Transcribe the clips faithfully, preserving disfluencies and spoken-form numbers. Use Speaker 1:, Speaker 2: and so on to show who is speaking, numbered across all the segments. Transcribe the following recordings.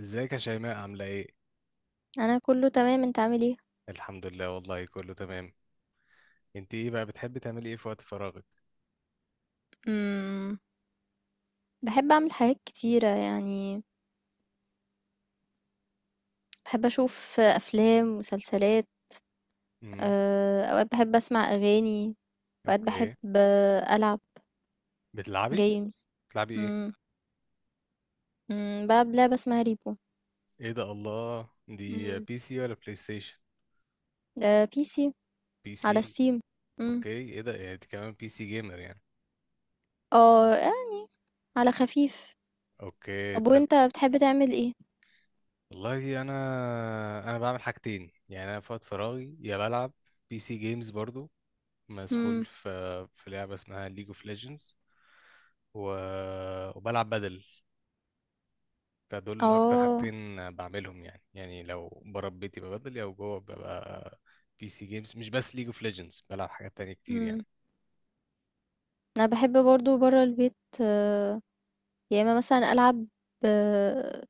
Speaker 1: ازيك يا شيماء، عاملة ايه؟
Speaker 2: انا كله تمام. انت عامل ايه؟
Speaker 1: الحمد لله، والله كله تمام. انت ايه بقى بتحبي تعملي ايه في وقت فراغك؟
Speaker 2: امم بحب اعمل حاجات كتيره يعني. بحب اشوف افلام ومسلسلات.
Speaker 1: امم.
Speaker 2: آه، اوقات بحب اسمع اغاني. اوقات بحب،
Speaker 1: اوكي.
Speaker 2: آه، العب
Speaker 1: بتلعبي؟
Speaker 2: جيمز.
Speaker 1: بتلعبي ايه؟
Speaker 2: امم أمم، بلعب لعبه اسمها ريبو.
Speaker 1: ايه ده، الله، دي
Speaker 2: امم
Speaker 1: بي سي ولا بلاي ستيشن؟
Speaker 2: بي سي،
Speaker 1: بي
Speaker 2: على
Speaker 1: سي.
Speaker 2: ستيم. امم
Speaker 1: اوكي، ايه ده يعني انت كمان بي سي جيمر يعني.
Speaker 2: اه، آه، على خفيف.
Speaker 1: اوكي
Speaker 2: طب
Speaker 1: طيب.
Speaker 2: وانت بتحب تعمل ايه؟
Speaker 1: والله انا انا بعمل حاجتين، يعني انا في وقت فراغي يا بلعب بي سي جيمز برضو، مسحول
Speaker 2: امم
Speaker 1: في في لعبة اسمها ليج اوف ليجندز و... وبلعب بدل، فدول اكتر
Speaker 2: اه
Speaker 1: حاجتين بعملهم يعني. يعني لو بره بيتي ببدل، او جوه ببقى بي سي جيمز، مش بس ليج اوف ليجندز، بلعب حاجات تانية كتير
Speaker 2: امم
Speaker 1: يعني.
Speaker 2: انا بحب برضو برا البيت. آه، يا اما مثلا العب، آه،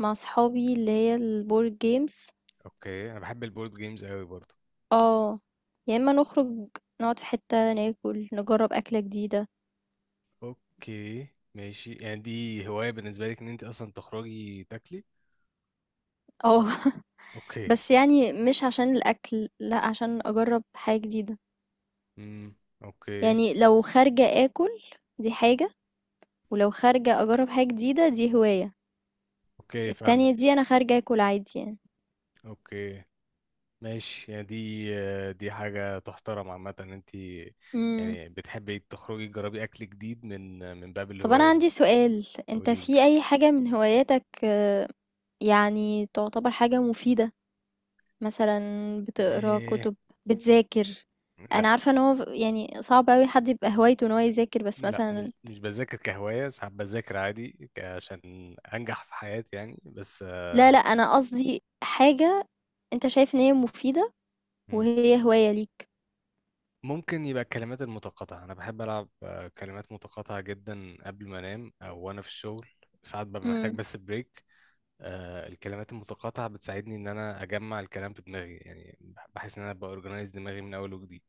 Speaker 2: مع صحابي اللي هي البورد جيمز.
Speaker 1: اوكي، انا بحب البورد جيمز قوي برضو.
Speaker 2: اه، يا اما نخرج، نقعد في حتة ناكل، نجرب أكلة جديدة.
Speaker 1: اوكي ماشي، يعني دي هواية بالنسبة لك ان انت اصلا تخرجي تاكلي.
Speaker 2: اه،
Speaker 1: اوكي.
Speaker 2: بس يعني مش عشان الأكل، لا، عشان أجرب حاجة جديدة.
Speaker 1: امم. اوكي،
Speaker 2: يعني لو خارجة أكل، دي حاجة، ولو خارجة أجرب حاجة جديدة، دي هواية.
Speaker 1: اوكي، فاهمك.
Speaker 2: التانية دي أنا خارجة أكل عادي يعني.
Speaker 1: اوكي ماشي، يعني دي آه، دي حاجة تحترم عامة، ان انت
Speaker 2: مم.
Speaker 1: يعني بتحبي تخرجي تجربي اكل جديد من من باب
Speaker 2: طب أنا
Speaker 1: الهواية.
Speaker 2: عندي سؤال، أنت
Speaker 1: قوليلي
Speaker 2: في أي حاجة من هواياتك آه، يعني تعتبر حاجة مفيدة؟ مثلا بتقرا
Speaker 1: إيه.
Speaker 2: كتب، بتذاكر. انا
Speaker 1: لا
Speaker 2: عارفه ان هو يعني صعب قوي حد يبقى هوايته ان هو يذاكر، بس
Speaker 1: لا، مش
Speaker 2: مثلا.
Speaker 1: مش بذاكر كهواية، ساعات بذاكر عادي ك- عشان أنجح في حياتي يعني بس آه،
Speaker 2: لا، لا، انا قصدي حاجه انت شايف ان هي مفيده،
Speaker 1: مم.
Speaker 2: وهي هوايه ليك.
Speaker 1: ممكن يبقى الكلمات المتقاطعة. أنا بحب ألعب آه، كلمات متقاطعة جدا قبل ما أنام، أو وأنا في الشغل، ساعات ببقى محتاج
Speaker 2: امم
Speaker 1: بس بريك. آه، الكلمات المتقاطعة بتساعدني إن أنا أجمع الكلام في دماغي، يعني بح- بحس إن أنا بأورجنايز دماغي من أول وجديد،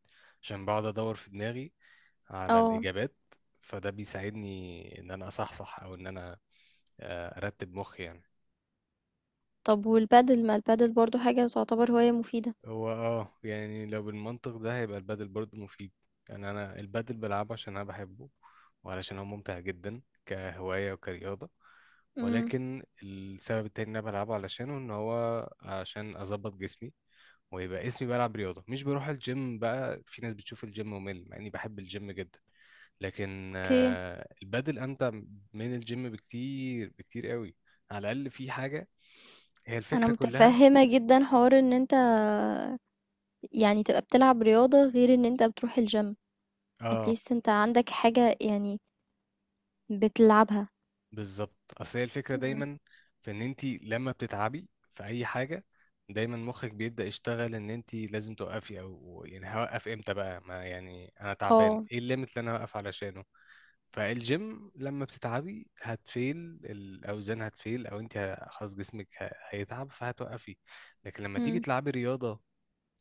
Speaker 1: عشان بقعد أدور في دماغي على
Speaker 2: اه.
Speaker 1: الإجابات. فده بيساعدني إن أنا أصحصح، أو إن أنا آه، أرتب مخي يعني.
Speaker 2: طب والبادل، ما البادل برضو حاجه تعتبر هوايه مفيده؟
Speaker 1: هو اه يعني لو بالمنطق ده هيبقى البادل برضه مفيد. يعني انا البادل بلعبه عشان انا بحبه، وعلشان هو ممتع جدا كهوايه وكرياضه.
Speaker 2: امم
Speaker 1: ولكن السبب التاني اللي انا بلعبه علشانه ان هو عشان اظبط جسمي ويبقى اسمي بلعب رياضه، مش بروح الجيم بقى. في ناس بتشوف الجيم ممل، مع اني بحب الجيم جدا، لكن
Speaker 2: اوكي.
Speaker 1: آه، البادل امتع من الجيم بكتير، بكتير قوي. على الاقل في حاجه، هي
Speaker 2: انا
Speaker 1: الفكره كلها.
Speaker 2: متفهمه جدا حوار ان انت يعني تبقى بتلعب رياضه غير ان انت بتروح الجيم.
Speaker 1: اه
Speaker 2: اتليست انت عندك حاجه يعني بتلعبها.
Speaker 1: بالظبط، اصل هي الفكره
Speaker 2: مم.
Speaker 1: دايما في ان انت لما بتتعبي في اي حاجه دايما مخك بيبدا يشتغل، ان انت لازم توقفي، او يعني هوقف امتى بقى، ما يعني انا تعبان،
Speaker 2: اه.
Speaker 1: ايه الليميت اللي انا هوقف علشانه. فالجيم لما بتتعبي هتفيل الاوزان، هتفيل، او انت ه- خلاص جسمك ه- هيتعب فهتوقفي. لكن لما تيجي
Speaker 2: مم.
Speaker 1: تلعبي رياضه،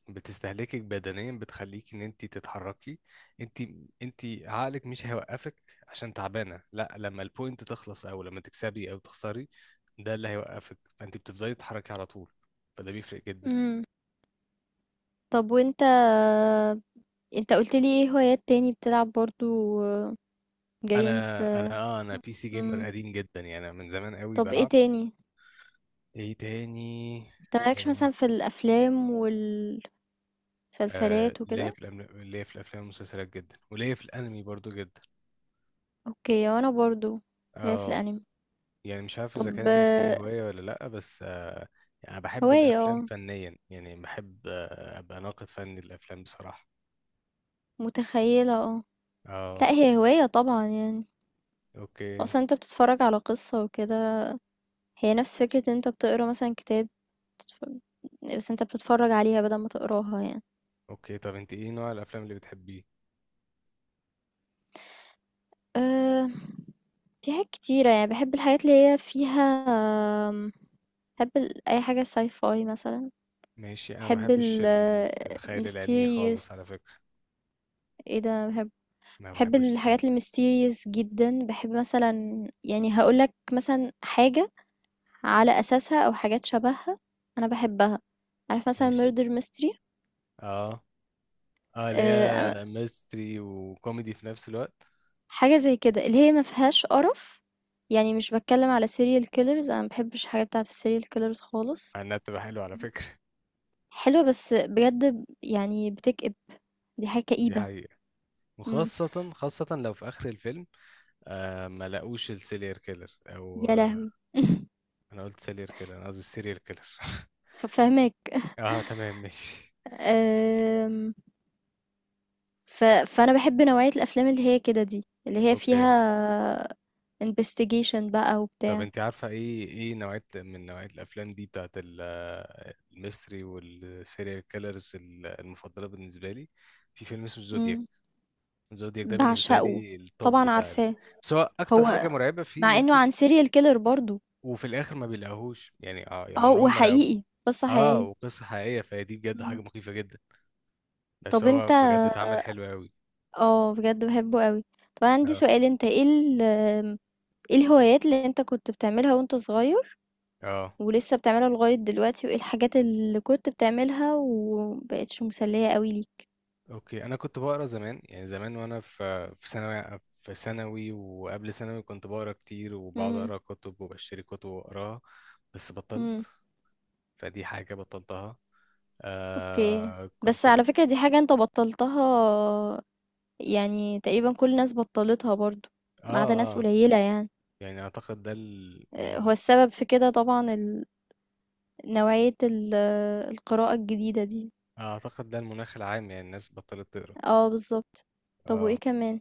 Speaker 1: بتستهلكك بدنيا، بتخليك ان انت تتحركي. انت انت عقلك مش هيوقفك عشان تعبانه، لا، لما البوينت تخلص، او لما تكسبي او تخسري، ده اللي هيوقفك. فانت بتفضلي تتحركي على طول، فده بيفرق جدا.
Speaker 2: مم. طب وانت، انت قلت لي ايه هوايات تاني بتلعب برضو؟
Speaker 1: انا
Speaker 2: جيمز؟
Speaker 1: انا اه انا بي سي جيمر
Speaker 2: مم.
Speaker 1: قديم جدا، يعني أنا من زمان قوي
Speaker 2: طب ايه
Speaker 1: بلعب.
Speaker 2: تاني؟
Speaker 1: ايه تاني.
Speaker 2: انت مالكش
Speaker 1: آه
Speaker 2: مثلا في الافلام والمسلسلات
Speaker 1: آه، ليا
Speaker 2: وكده؟
Speaker 1: في الأم- ليا في الافلام والمسلسلات جدا، وليا في الانمي برضو جدا.
Speaker 2: اوكي، وانا برضو، لا، في
Speaker 1: اه،
Speaker 2: الانمي.
Speaker 1: يعني مش عارف اذا
Speaker 2: طب،
Speaker 1: كانت دي
Speaker 2: آه،
Speaker 1: هواية ولا لا بس آه، يعني انا بحب
Speaker 2: هواية،
Speaker 1: الافلام
Speaker 2: اه،
Speaker 1: فنيا، يعني بحب آه، ابقى ناقد فني للافلام بصراحة.
Speaker 2: متخيلة، اه. لا،
Speaker 1: اه.
Speaker 2: هي هواية طبعا يعني.
Speaker 1: اوكي.
Speaker 2: اصلا انت بتتفرج على قصة وكده، هي نفس فكرة ان انت بتقرا مثلا كتاب، بتتف- بس انت بتتفرج عليها بدل ما تقراها يعني.
Speaker 1: اوكي، طب انت ايه نوع الافلام اللي بتحبيه؟
Speaker 2: أه في حاجات كتيرة يعني، باحب الحاجات اللي هي فيها، آمم، باحب ال أي حاجة sci fi مثلًا.
Speaker 1: ماشي، انا ما
Speaker 2: باحب
Speaker 1: بحبش
Speaker 2: ال
Speaker 1: ال- الخيال العلمي خالص على
Speaker 2: mysterious،
Speaker 1: فكرة.
Speaker 2: إيه ده، باحب،
Speaker 1: ما
Speaker 2: باحب
Speaker 1: بحبوش تمام،
Speaker 2: الحاجات الmysterious جدًا. باحب مثلًا، يعني هاقول لك مثلًا حاجة على أساسها أو حاجات شبهها أنا باحبها. عارف مثلًا
Speaker 1: ماشي.
Speaker 2: murder mystery؟
Speaker 1: اه اه، اللي هي
Speaker 2: آآ،
Speaker 1: ميستري وكوميدي في نفس الوقت.
Speaker 2: حاجة زي كده، اللي هي ما فيهاش قرف. يعني مش باتكلم على serial killers، أنا ما باحبش الحاجات بتاعة الserial killers خالص.
Speaker 1: مع انها بتبقى حلوة على فكرة.
Speaker 2: حلوة، بس بجد ب- يعني بتكئب، دي حاجة
Speaker 1: دي
Speaker 2: كئيبة.
Speaker 1: حقيقة،
Speaker 2: مم.
Speaker 1: وخاصة خاصة لو في آخر الفيلم آه ما لاقوش السيريال كيلر. أو
Speaker 2: يا لهوي.
Speaker 1: انا قلت سيريال كيلر، انا قصدي سيريال كيلر.
Speaker 2: فاهمك.
Speaker 1: اه تمام ماشي.
Speaker 2: أم، ف... فأنا بحب نوعية الأفلام اللي هي كده، دي اللي هي
Speaker 1: اوكي،
Speaker 2: فيها investigation بقى
Speaker 1: طب
Speaker 2: وبتاع.
Speaker 1: انت عارفه ايه ايه نوعيه من نوعيه الافلام دي بتاعت ال- آه، الميستري والسيريال كيلرز المفضله بالنسبه لي؟ في فيلم اسمه زودياك.
Speaker 2: مم.
Speaker 1: زودياك ده بالنسبه
Speaker 2: بعشقه،
Speaker 1: لي التوب
Speaker 2: طبعا
Speaker 1: بتاع ال...
Speaker 2: عارفاه.
Speaker 1: بس هو اكتر حاجه
Speaker 2: هو
Speaker 1: مرعبه فيه ان
Speaker 2: مع
Speaker 1: انت
Speaker 2: انه عن سيريال كيلر برضو.
Speaker 1: وفي الاخر ما بيلاقوهوش، يعني اه يعني
Speaker 2: اه،
Speaker 1: عمرهم ما لاقوه.
Speaker 2: وحقيقي قصة
Speaker 1: اه،
Speaker 2: حقيقية.
Speaker 1: وقصه حقيقيه، فهي دي بجد حاجه
Speaker 2: مم.
Speaker 1: مخيفه جدا. بس
Speaker 2: طب
Speaker 1: هو
Speaker 2: انت،
Speaker 1: بجد اتعمل حلو قوي.
Speaker 2: اه، بجد بحبه قوي. طب أنا عندي
Speaker 1: اه
Speaker 2: سؤال، انت ايه ال... ايه الهوايات اللي انت كنت بتعملها وانت صغير
Speaker 1: اه.
Speaker 2: ولسه بتعملها لغاية دلوقتي، وإيه الحاجات اللي كنت بتعملها ومبقتش مسلية قوي ليك؟
Speaker 1: اوكي، انا كنت بقرا زمان، يعني زمان وانا في في ثانوي، في ثانوي وقبل ثانوي كنت بقرا كتير، وبقعد
Speaker 2: امم
Speaker 1: اقرا كتب وبشتري كتب واقراها. بس بطلت،
Speaker 2: امم
Speaker 1: فدي حاجه بطلتها.
Speaker 2: اوكي.
Speaker 1: آه
Speaker 2: بس
Speaker 1: كنت ب-
Speaker 2: على فكرة، دي حاجة انت بطلتها يعني تقريبا كل الناس بطلتها برضو، ما
Speaker 1: اه
Speaker 2: عدا ناس
Speaker 1: اه،
Speaker 2: قليلة يعني.
Speaker 1: يعني اعتقد ده ال...
Speaker 2: آه، هو
Speaker 1: يعني
Speaker 2: السبب في كده طبعا ال... نوعية ال... القراءة الجديدة دي.
Speaker 1: اعتقد ده المناخ العام، يعني الناس بطلت تقرا.
Speaker 2: اه، بالظبط. طب وايه
Speaker 1: اه.
Speaker 2: كمان؟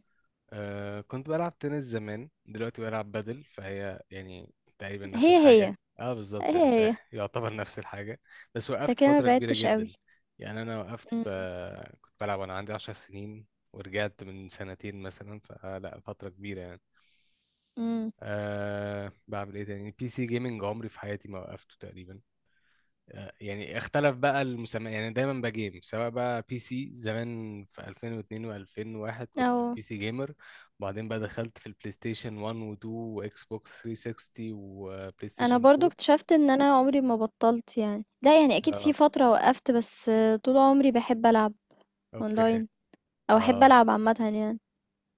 Speaker 1: أه كنت بلعب تنس زمان، دلوقتي بلعب بدل، فهي يعني تقريبا نفس
Speaker 2: هي،
Speaker 1: الحاجة.
Speaker 2: هي،
Speaker 1: اه بالظبط، يعني
Speaker 2: هي،
Speaker 1: انت
Speaker 2: هي.
Speaker 1: يعتبر نفس الحاجة. بس
Speaker 2: انت
Speaker 1: وقفت
Speaker 2: كده ما
Speaker 1: فترة كبيرة
Speaker 2: بعدتش قوي.
Speaker 1: جدا، يعني انا وقفت. أه كنت بلعب وانا عندي عشر سنين، ورجعت من سنتين مثلا، فلا فترة كبيرة يعني.
Speaker 2: امم
Speaker 1: أه بعمل ايه تاني. بي سي جيمنج عمري في حياتي ما وقفته تقريبا. آه، يعني اختلف بقى المسمى يعني، دايما بجيم، سواء بقى بي سي زمان في ألفين واثنين و2001 كنت
Speaker 2: او
Speaker 1: بي سي جيمر، وبعدين بقى دخلت في البلاي ستيشن واحد و2 واكس بوكس ثلاثمية وستين وبلاي
Speaker 2: أنا
Speaker 1: ستيشن
Speaker 2: برضه
Speaker 1: اربعة.
Speaker 2: اكتشفت إن أنا عمري ما بطّلت يعني. لأ، يعني أكيد في
Speaker 1: اه.
Speaker 2: فترة وقّفت، بس طول عمري باحب ألعب
Speaker 1: اوكي.
Speaker 2: online أو أحب
Speaker 1: اه
Speaker 2: ألعب عامةً يعني.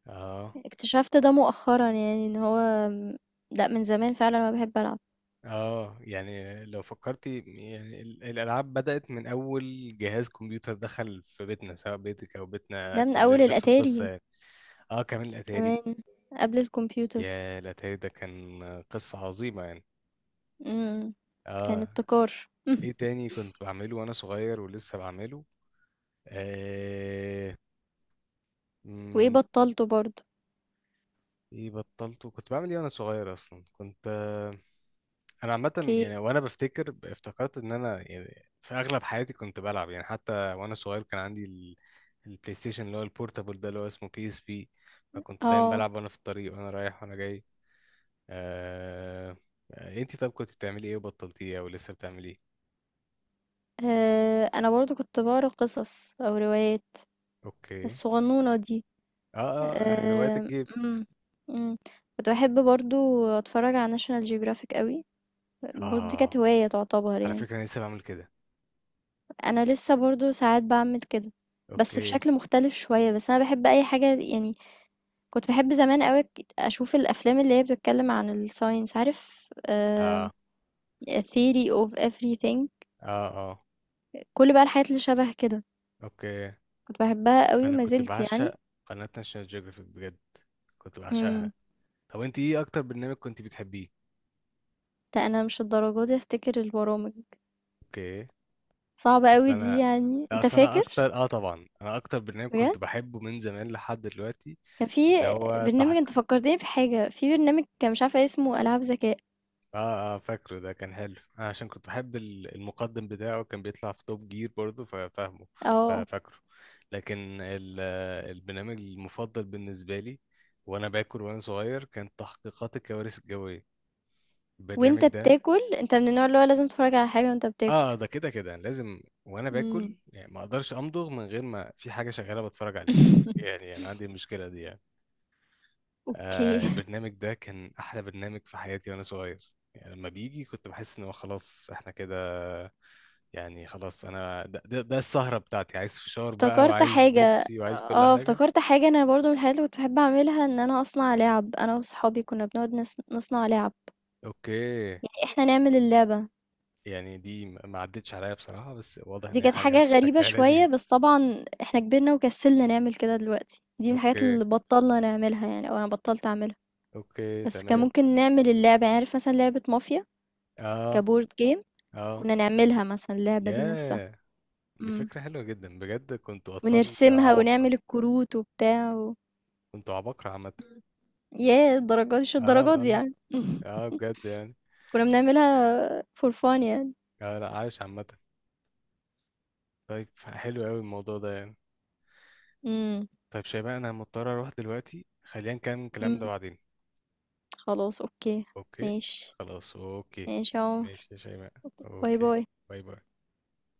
Speaker 1: اه
Speaker 2: اكتشفت ده مؤخرًا يعني، إن هو، م لأ، من زمان فعلًا وأنا باحب ألعب.
Speaker 1: اه، يعني لو فكرتي يعني ال- الالعاب بدأت من اول جهاز كمبيوتر دخل في بيتنا، سواء بيتك او بيتنا،
Speaker 2: ده من أول
Speaker 1: كلنا نفس القصة
Speaker 2: الأتاري،
Speaker 1: يعني. اه، كمان الاتاري.
Speaker 2: كمان، قبل الكمبيوتر.
Speaker 1: يا الاتاري ده كان قصة عظيمة يعني.
Speaker 2: إمم، كان
Speaker 1: اه.
Speaker 2: ابتكار.
Speaker 1: ايه تاني كنت بعمله وانا صغير ولسه بعمله. آه...
Speaker 2: وإيه
Speaker 1: مم.
Speaker 2: بطّلته برضه؟
Speaker 1: ايه بطلته، كنت بعمل ايه وانا صغير اصلا، كنت آه، انا عامه
Speaker 2: أوكي.
Speaker 1: يعني. وانا بفتكر ب- افتكرت ان انا يعني في اغلب حياتي كنت بلعب، يعني حتى وانا صغير كان عندي ال... البلاي ستيشن اللي هو البورتابل ده اللي هو اسمه بي اس بي، فكنت دايما
Speaker 2: آه،
Speaker 1: بلعب وانا في الطريق، وانا رايح وانا جاي. آه... آه، انتي طب كنت بتعملي ايه وبطلتيه او لسه بتعملي ايه؟
Speaker 2: آآ أنا برضه كنت باقرا قصص أو روايات
Speaker 1: اوكي.
Speaker 2: الصغنونة دي.
Speaker 1: اه اه، هوايات
Speaker 2: آه،
Speaker 1: الجيب.
Speaker 2: مم، مم. كنت بحب برضو اتفرج على ناشونال جيوغرافيك قوي، برضو دي كانت
Speaker 1: اه،
Speaker 2: هواية تعتبر
Speaker 1: على
Speaker 2: يعني.
Speaker 1: فكره انا لسه بعمل كده.
Speaker 2: انا لسه برضو ساعات بعمل كده، بس
Speaker 1: اوكي.
Speaker 2: بشكل مختلف شوية. بس انا بحب اي حاجة يعني. كنت بحب زمان قوي ك- اشوف الافلام اللي هي بتتكلم عن الساينس، عارف، آم،
Speaker 1: اه
Speaker 2: theory of everything،
Speaker 1: اه اه.
Speaker 2: كل بقى الحاجات اللي شبه كده.
Speaker 1: اوكي،
Speaker 2: كنت بحبها قوي
Speaker 1: انا
Speaker 2: وما
Speaker 1: كنت
Speaker 2: زلت يعني.
Speaker 1: بعشق قناة ناشونال جيوغرافيك بجد، كنت بعشقها.
Speaker 2: امم
Speaker 1: طب انت ايه اكتر برنامج كنت بتحبيه؟
Speaker 2: ده انا مش الدرجة دي افتكر البرامج.
Speaker 1: اوكي.
Speaker 2: صعبة
Speaker 1: بس
Speaker 2: قوي دي،
Speaker 1: انا،
Speaker 2: يعني انت
Speaker 1: اصل انا
Speaker 2: فاكر؟
Speaker 1: اكتر اه طبعا انا اكتر برنامج كنت
Speaker 2: بجد
Speaker 1: بحبه من زمان لحد دلوقتي.
Speaker 2: كان
Speaker 1: اللي
Speaker 2: في
Speaker 1: هو تح...
Speaker 2: برنامج، أنت فكّرتني بحاجة، في برنامج كان مش عارفة اسمه، ألعاب ذكاء.
Speaker 1: اه اه، فاكره، ده كان حلو، انا عشان كنت بحب ال- المقدم بتاعه كان بيطلع في توب جير برضه ففاهمه،
Speaker 2: آه،
Speaker 1: ففاكره. لكن ال- آه، البرنامج المفضل بالنسبه لي وانا باكل وانا صغير كان تحقيقات الكوارث الجويه، البرنامج
Speaker 2: وأنت
Speaker 1: ده.
Speaker 2: بتاكل، أنت من النوع اللي هو لازم تتفرّج على حاجة وأنت
Speaker 1: اه،
Speaker 2: بتاكل.
Speaker 1: ده كده كده لازم وانا
Speaker 2: إمم.
Speaker 1: باكل، يعني ما اقدرش امضغ من غير ما في حاجه شغاله بتفرج عليها، يعني انا عندي المشكله دي يعني. آه
Speaker 2: أوكي.
Speaker 1: البرنامج ده كان احلى برنامج في حياتي وانا صغير، يعني لما بيجي كنت بحس ان هو خلاص احنا كده، يعني خلاص، انا ده, ده, ده السهرة بتاعتي، عايز فشار بقى
Speaker 2: افتكرت
Speaker 1: وعايز
Speaker 2: حاجة
Speaker 1: بيبسي وعايز كل
Speaker 2: آه،
Speaker 1: حاجة.
Speaker 2: افتكرت حاجة، أنا برضه من الحاجات اللي كنت باحب أعملها إن أنا أصنع لِعَب. أنا وصحابي كنا بنقعد نص نصنع لِعَب،
Speaker 1: اوكي.
Speaker 2: يعني إحنا نعمل اللعبة.
Speaker 1: يعني دي ما ما عدتش عليا بصراحة، بس واضح ان
Speaker 2: دي
Speaker 1: هي
Speaker 2: كانت
Speaker 1: حاجة
Speaker 2: حاجة غريبة
Speaker 1: شكلها
Speaker 2: شوية،
Speaker 1: لذيذ.
Speaker 2: بس طبعًا إحنا كبرنا وكسلنا نعمل كده دلوقتي. دي من الحاجات
Speaker 1: اوكي.
Speaker 2: اللي بطّلنا نعملها، يعني أو أنا بطّلت أعملها.
Speaker 1: اوكي
Speaker 2: بس كان
Speaker 1: تمام.
Speaker 2: ممكن نعمل اللعبة، يعني عارف مثلا لعبة مافيا،
Speaker 1: اه
Speaker 2: كبورد جيم،
Speaker 1: اه.
Speaker 2: كنا نعملها مثلا اللعبة دي نفسها.
Speaker 1: ياه، دي
Speaker 2: مم.
Speaker 1: فكرة حلوة جدا بجد، كنتوا اطفال
Speaker 2: ونرسمها
Speaker 1: عباقرة.
Speaker 2: ونعمل الكروت وبتاع و...
Speaker 1: كنتوا عباقرة عامة.
Speaker 2: مم. ياه، الدرجات، مش
Speaker 1: اه
Speaker 2: الدرجات دي
Speaker 1: اه
Speaker 2: يعني.
Speaker 1: اه، بجد يعني.
Speaker 2: كنا بنعملها فور فان يعني.
Speaker 1: اه، لا عايش عامة. طيب حلو قوي الموضوع ده يعني.
Speaker 2: مم.
Speaker 1: طيب شباب، انا مضطر اروح دلوقتي، خلينا نكمل الكلام ده
Speaker 2: مم.
Speaker 1: بعدين.
Speaker 2: خلاص، اوكي.
Speaker 1: اوكي.
Speaker 2: ماشي.
Speaker 1: خلاص اوكي.
Speaker 2: ماشي يا عمر.
Speaker 1: ماشي يا شيماء.
Speaker 2: أوكي. باي
Speaker 1: اوكي.
Speaker 2: باي.
Speaker 1: باي باي.